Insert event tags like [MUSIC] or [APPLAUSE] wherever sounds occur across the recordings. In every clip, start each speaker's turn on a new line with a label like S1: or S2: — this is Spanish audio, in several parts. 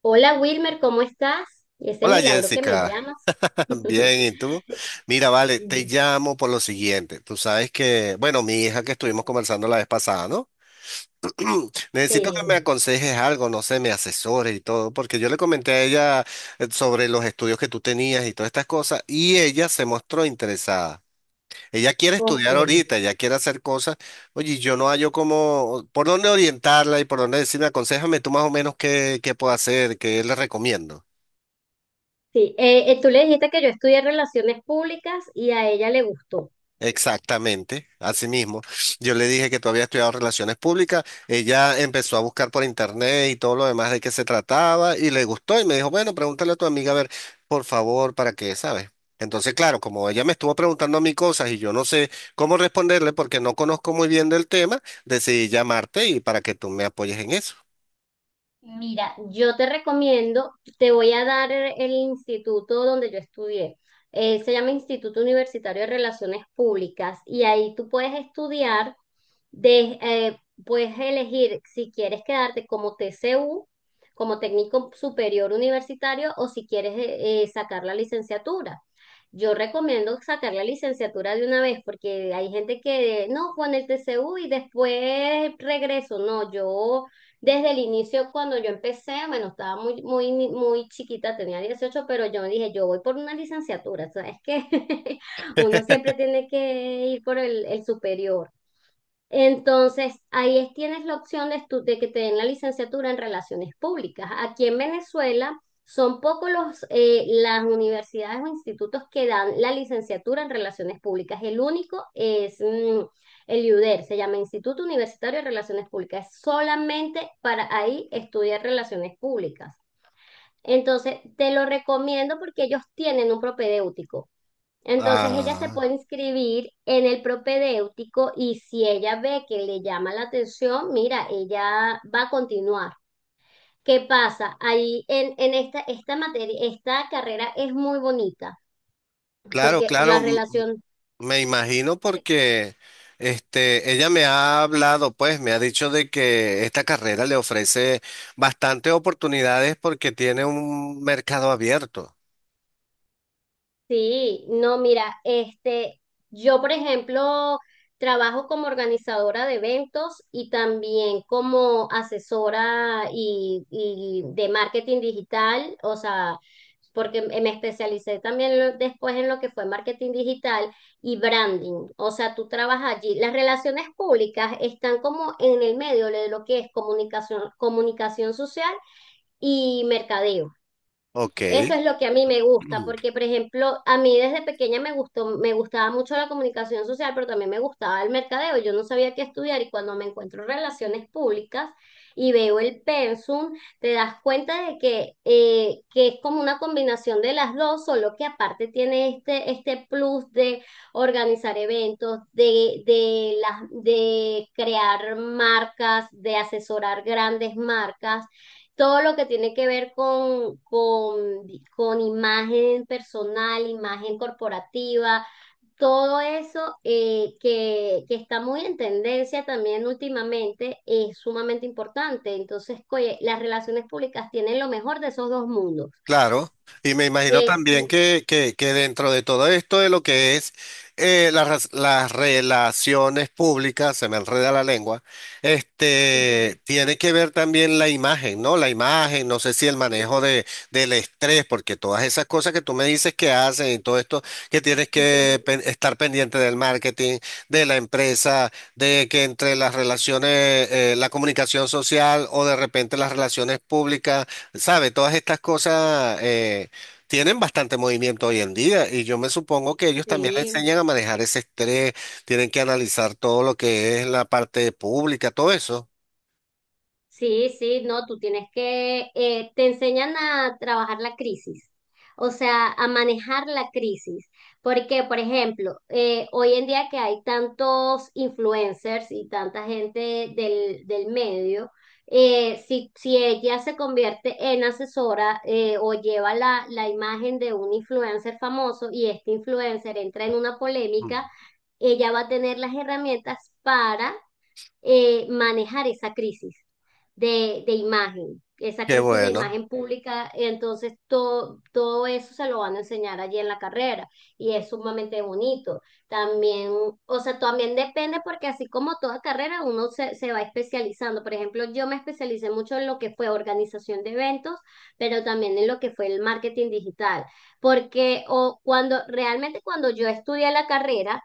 S1: Hola Wilmer, ¿cómo estás? Y ese
S2: Hola
S1: milagro que me
S2: Jessica,
S1: llamas.
S2: [LAUGHS]
S1: [LAUGHS]
S2: bien, ¿y tú? Mira, vale, te llamo por lo siguiente. Tú sabes que, bueno, mi hija que estuvimos conversando la vez pasada, ¿no? Necesito que me
S1: Sí,
S2: aconsejes algo, no sé, me asesores y todo, porque yo le comenté a ella sobre los estudios que tú tenías y todas estas cosas, y ella se mostró interesada. Ella quiere
S1: ok.
S2: estudiar ahorita, ella quiere hacer cosas. Oye, y yo no hallo cómo, por dónde orientarla y por dónde decirme, aconséjame tú más o menos qué puedo hacer, qué le recomiendo.
S1: Sí, tú le dijiste que yo estudié relaciones públicas y a ella le gustó.
S2: Exactamente, así mismo. Yo le dije que tú habías estudiado relaciones públicas, ella empezó a buscar por internet y todo lo demás de qué se trataba y le gustó y me dijo, bueno, pregúntale a tu amiga a ver, por favor, para qué, ¿sabes? Entonces, claro, como ella me estuvo preguntando a mí cosas y yo no sé cómo responderle porque no conozco muy bien del tema, decidí llamarte y para que tú me apoyes en eso.
S1: Mira, yo te recomiendo, te voy a dar el instituto donde yo estudié. Se llama Instituto Universitario de Relaciones Públicas y ahí tú puedes estudiar. De, eh, Puedes elegir si quieres quedarte como TCU, como técnico superior universitario, o si quieres sacar la licenciatura. Yo recomiendo sacar la licenciatura de una vez porque hay gente que no con el TCU y después regreso. No, yo desde el inicio cuando yo empecé, bueno, estaba muy muy muy chiquita, tenía 18, pero yo dije, yo voy por una licenciatura, ¿sabes qué? [LAUGHS] Uno siempre tiene que ir por el superior. Entonces, ahí tienes la opción de que te den la licenciatura en relaciones públicas. Aquí en Venezuela son pocos las universidades o institutos que dan la licenciatura en relaciones públicas. El único es el IUDER, se llama Instituto Universitario de Relaciones Públicas. Es solamente para ahí estudiar relaciones públicas. Entonces, te lo recomiendo porque ellos tienen un propedéutico. Entonces ella se
S2: Ah,
S1: puede inscribir en el propedéutico y si ella ve que le llama la atención, mira, ella va a continuar. ¿Qué pasa? Ahí en esta materia, esta carrera es muy bonita
S2: claro,
S1: porque la
S2: claro.
S1: relación.
S2: Me imagino porque este, ella me ha hablado, pues me ha dicho de que esta carrera le ofrece bastantes oportunidades porque tiene un mercado abierto.
S1: Sí, no, mira, este, yo por ejemplo trabajo como organizadora de eventos y también como asesora y de marketing digital, o sea, porque me especialicé también después en lo que fue marketing digital y branding, o sea, tú trabajas allí. Las relaciones públicas están como en el medio de lo que es comunicación, comunicación social y mercadeo.
S2: Ok.
S1: Eso es lo que a mí me gusta,
S2: [CLEARS THROAT]
S1: porque por ejemplo, a mí desde pequeña me gustaba mucho la comunicación social, pero también me gustaba el mercadeo. Yo no sabía qué estudiar y cuando me encuentro en relaciones públicas y veo el pensum, te das cuenta de que es como una combinación de las dos, solo que aparte tiene este plus de organizar eventos, de crear marcas, de asesorar grandes marcas, todo lo que tiene que ver con imagen personal, imagen corporativa, todo eso, que está muy en tendencia también últimamente, es sumamente importante. Entonces, oye, las relaciones públicas tienen lo mejor de esos dos mundos.
S2: Claro, y me imagino también
S1: Sí.
S2: que dentro de todo esto de lo que es las relaciones públicas, se me enreda la lengua, este, tiene que ver también la imagen, ¿no? La imagen, no sé si el manejo de, del estrés, porque todas esas cosas que tú me dices que hacen y todo esto, que tienes que
S1: [LAUGHS]
S2: estar pendiente del marketing, de la empresa, de que entre las relaciones, la comunicación social o de repente las relaciones públicas. Sabe, todas estas cosas tienen bastante movimiento hoy en día y yo me supongo que ellos también le
S1: Sí.
S2: enseñan a manejar ese estrés, tienen que analizar todo lo que es la parte pública, todo eso.
S1: Sí, sí, no, tú tienes que, te enseñan a trabajar la crisis, o sea, a manejar la crisis, porque, por ejemplo, hoy en día que hay tantos influencers y tanta gente del medio, si ella se convierte en asesora o lleva la imagen de un influencer famoso y este influencer entra en una polémica, ella va a tener las herramientas para manejar esa crisis de imagen, esa
S2: Qué
S1: crisis de
S2: bueno.
S1: imagen pública. Entonces, todo eso se lo van a enseñar allí en la carrera y es sumamente bonito. También, o sea, también depende porque así como toda carrera, uno se va especializando. Por ejemplo, yo me especialicé mucho en lo que fue organización de eventos, pero también en lo que fue el marketing digital. Porque o cuando realmente cuando yo estudié la carrera,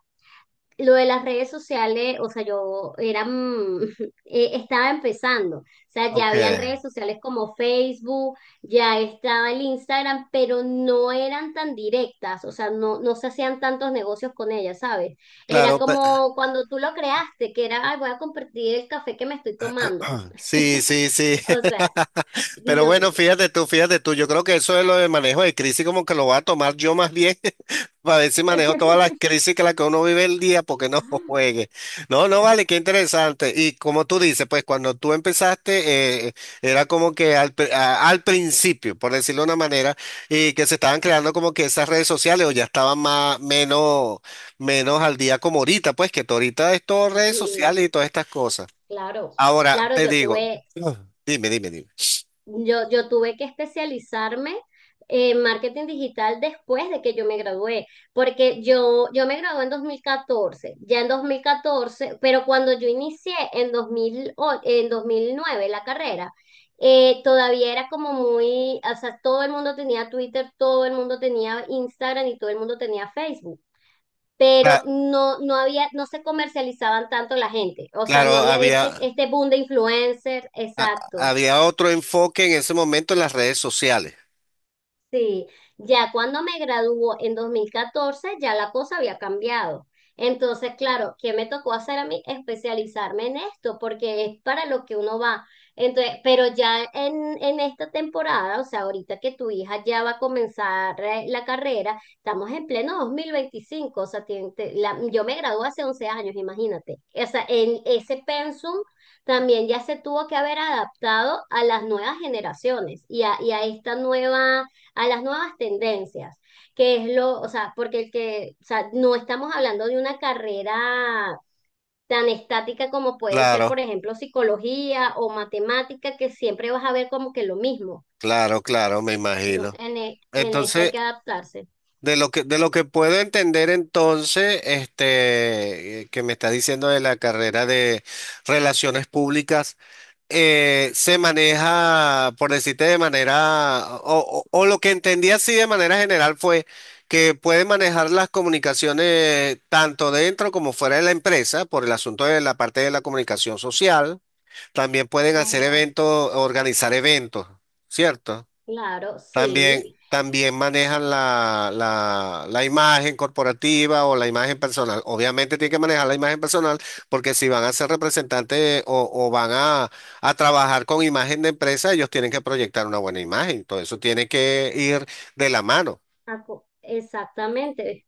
S1: lo de las redes sociales, o sea, [LAUGHS] estaba empezando, o sea, ya
S2: Ok.
S1: habían redes sociales como Facebook, ya estaba el Instagram, pero no eran tan directas, o sea, no se hacían tantos negocios con ellas, ¿sabes? Era
S2: Claro, pe-
S1: como cuando tú lo creaste, que era, ay, voy a compartir el café que me estoy tomando,
S2: [CLEARS THROAT] Sí, sí, sí.
S1: o sea,
S2: [LAUGHS] Pero
S1: no,
S2: bueno, fíjate tú, fíjate tú. Yo creo que eso de lo de manejo de crisis como que lo voy a tomar yo más bien [LAUGHS] para ver si manejo todas las crisis que las que uno vive el día porque no [LAUGHS]
S1: ah,
S2: juegue. No, no, vale, qué interesante. Y como tú dices, pues cuando tú empezaste era como que al principio, por decirlo de una manera, y que se estaban creando como que esas redes sociales o ya estaban más, menos, menos al día como ahorita, pues que tú ahorita es todo redes
S1: sí,
S2: sociales y todas estas cosas.
S1: claro,
S2: Ahora
S1: claro,
S2: te
S1: yo
S2: digo,
S1: tuve
S2: dime, dime, dime.
S1: Yo, yo tuve que especializarme en marketing digital después de que yo me gradué, porque yo me gradué en 2014, ya en 2014, pero cuando yo inicié en en 2009 la carrera, todavía era como muy, o sea, todo el mundo tenía Twitter, todo el mundo tenía Instagram y todo el mundo tenía Facebook.
S2: Cla-
S1: Pero no había, no se comercializaban tanto la gente, o sea,
S2: Claro,
S1: no había este, este boom de influencers, exacto.
S2: había otro enfoque en ese momento en las redes sociales.
S1: Sí, ya cuando me graduó en 2014 ya la cosa había cambiado. Entonces, claro, ¿qué me tocó hacer a mí? Especializarme en esto, porque es para lo que uno va. Entonces, pero ya en esta temporada, o sea, ahorita que tu hija ya va a comenzar la carrera, estamos en pleno 2025. O sea, yo me gradué hace 11 años, imagínate. O sea, en ese pensum también ya se tuvo que haber adaptado a las nuevas generaciones y a esta nueva a las nuevas tendencias, que es lo, o sea, porque el que, o sea, no estamos hablando de una carrera tan estática como puede ser, por
S2: Claro,
S1: ejemplo, psicología o matemática, que siempre vas a ver como que lo mismo,
S2: claro, claro, me
S1: ¿no?
S2: imagino.
S1: En esta hay
S2: Entonces,
S1: que adaptarse.
S2: de lo que puedo entender entonces, este, que me está diciendo de la carrera de relaciones públicas. Eh, se maneja, por decirte de manera, o lo que entendí así de manera general fue que puede manejar las comunicaciones tanto dentro como fuera de la empresa por el asunto de la parte de la comunicación social. También pueden hacer
S1: Ajá.
S2: eventos, organizar eventos, ¿cierto?
S1: Claro,
S2: También,
S1: sí.
S2: también manejan la imagen corporativa o la imagen personal. Obviamente tienen que manejar la imagen personal porque si van a ser representantes a trabajar con imagen de empresa, ellos tienen que proyectar una buena imagen. Todo eso tiene que ir de la mano.
S1: Exactamente,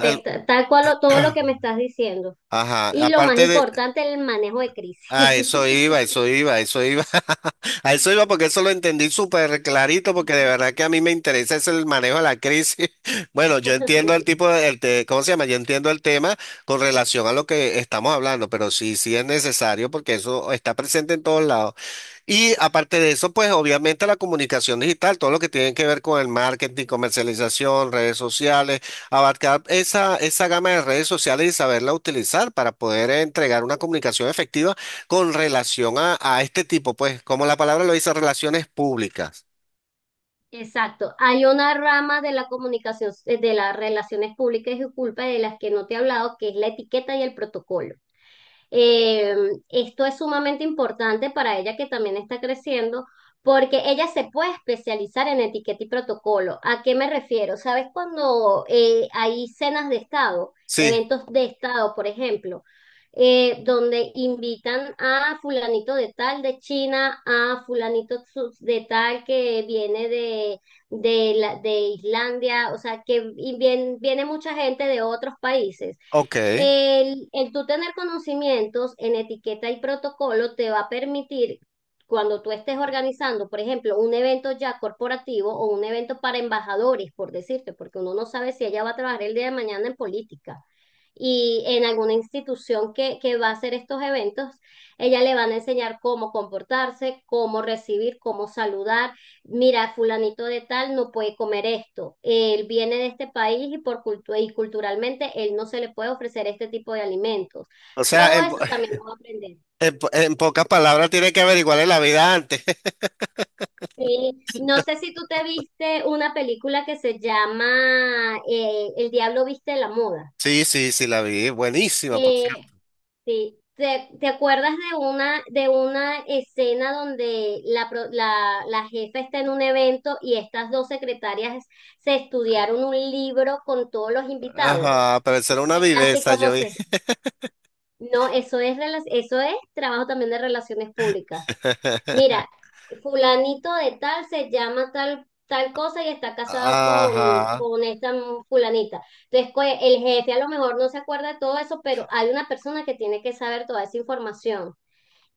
S2: El-
S1: tal cual todo lo que me estás diciendo.
S2: ajá.
S1: Y lo más
S2: Aparte de,
S1: importante, el manejo de crisis.
S2: ah, eso iba, eso iba, eso iba. [LAUGHS] A eso iba porque eso lo entendí súper clarito porque de verdad que a mí me interesa es el manejo de la crisis. [LAUGHS] Bueno, yo entiendo el
S1: [LAUGHS]
S2: tipo de, el te- ¿cómo se llama? Yo entiendo el tema con relación a lo que estamos hablando, pero sí, sí es necesario porque eso está presente en todos lados. Y aparte de eso, pues obviamente la comunicación digital, todo lo que tiene que ver con el marketing, comercialización, redes sociales, abarcar esa gama de redes sociales y saberla utilizar para poder entregar una comunicación efectiva con relación a este tipo, pues, como la palabra lo dice, relaciones públicas.
S1: Exacto, hay una rama de la comunicación, de las relaciones públicas y culpa de las que no te he hablado, que es la etiqueta y el protocolo. Eh, Esto es sumamente importante para ella que también está creciendo, porque ella se puede especializar en etiqueta y protocolo. ¿A qué me refiero? ¿Sabes cuando hay cenas de Estado,
S2: Sí,
S1: eventos de Estado, por ejemplo? Donde invitan a fulanito de tal de China, a fulanito de tal que viene de Islandia, o sea, que viene mucha gente de otros países.
S2: ok.
S1: El tú tener conocimientos en etiqueta y protocolo te va a permitir, cuando tú estés organizando, por ejemplo, un evento ya corporativo o un evento para embajadores, por decirte, porque uno no sabe si ella va a trabajar el día de mañana en política y en alguna institución que va a hacer estos eventos, ella le van a enseñar cómo comportarse, cómo recibir, cómo saludar, mira, fulanito de tal no puede comer esto, él viene de este país y culturalmente él no se le puede ofrecer este tipo de alimentos.
S2: O sea,
S1: Todo
S2: en, po-
S1: eso también lo va a aprender.
S2: [LAUGHS] en pocas palabras tiene que averiguarle la vida antes. [LAUGHS]
S1: Sí, no sé si tú te viste una película que se llama El diablo viste la moda.
S2: Sí, sí, sí, la vi. Buenísima, por
S1: Eh,
S2: cierto.
S1: Sí. ¿Te acuerdas de una escena donde la jefa está en un evento y estas dos secretarias se estudiaron un libro con todos los invitados?
S2: Ajá, pero eso era
S1: ¿Y
S2: una
S1: qué hace?
S2: viveza,
S1: ¿Cómo
S2: yo vi.
S1: se...? No, eso es trabajo también de relaciones públicas. Mira,
S2: [LAUGHS]
S1: fulanito de tal se llama tal, tal cosa y está casado con,
S2: Ajá,
S1: con esta fulanita. Entonces, el jefe a lo mejor no se acuerda de todo eso, pero hay una persona que tiene que saber toda esa información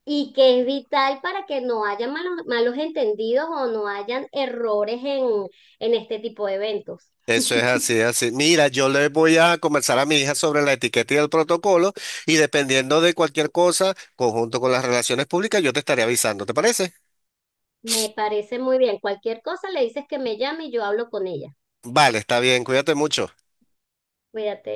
S1: y que es vital para que no haya malos, malos entendidos o no hayan errores en este tipo de eventos.
S2: eso es así, así. Mira, yo le voy a conversar a mi hija sobre la etiqueta y el protocolo y dependiendo de cualquier cosa, conjunto con las relaciones públicas, yo te estaré avisando, ¿te parece?
S1: Me parece muy bien. Cualquier cosa le dices que me llame y yo hablo con ella.
S2: Vale, está bien, cuídate mucho.
S1: Cuídate.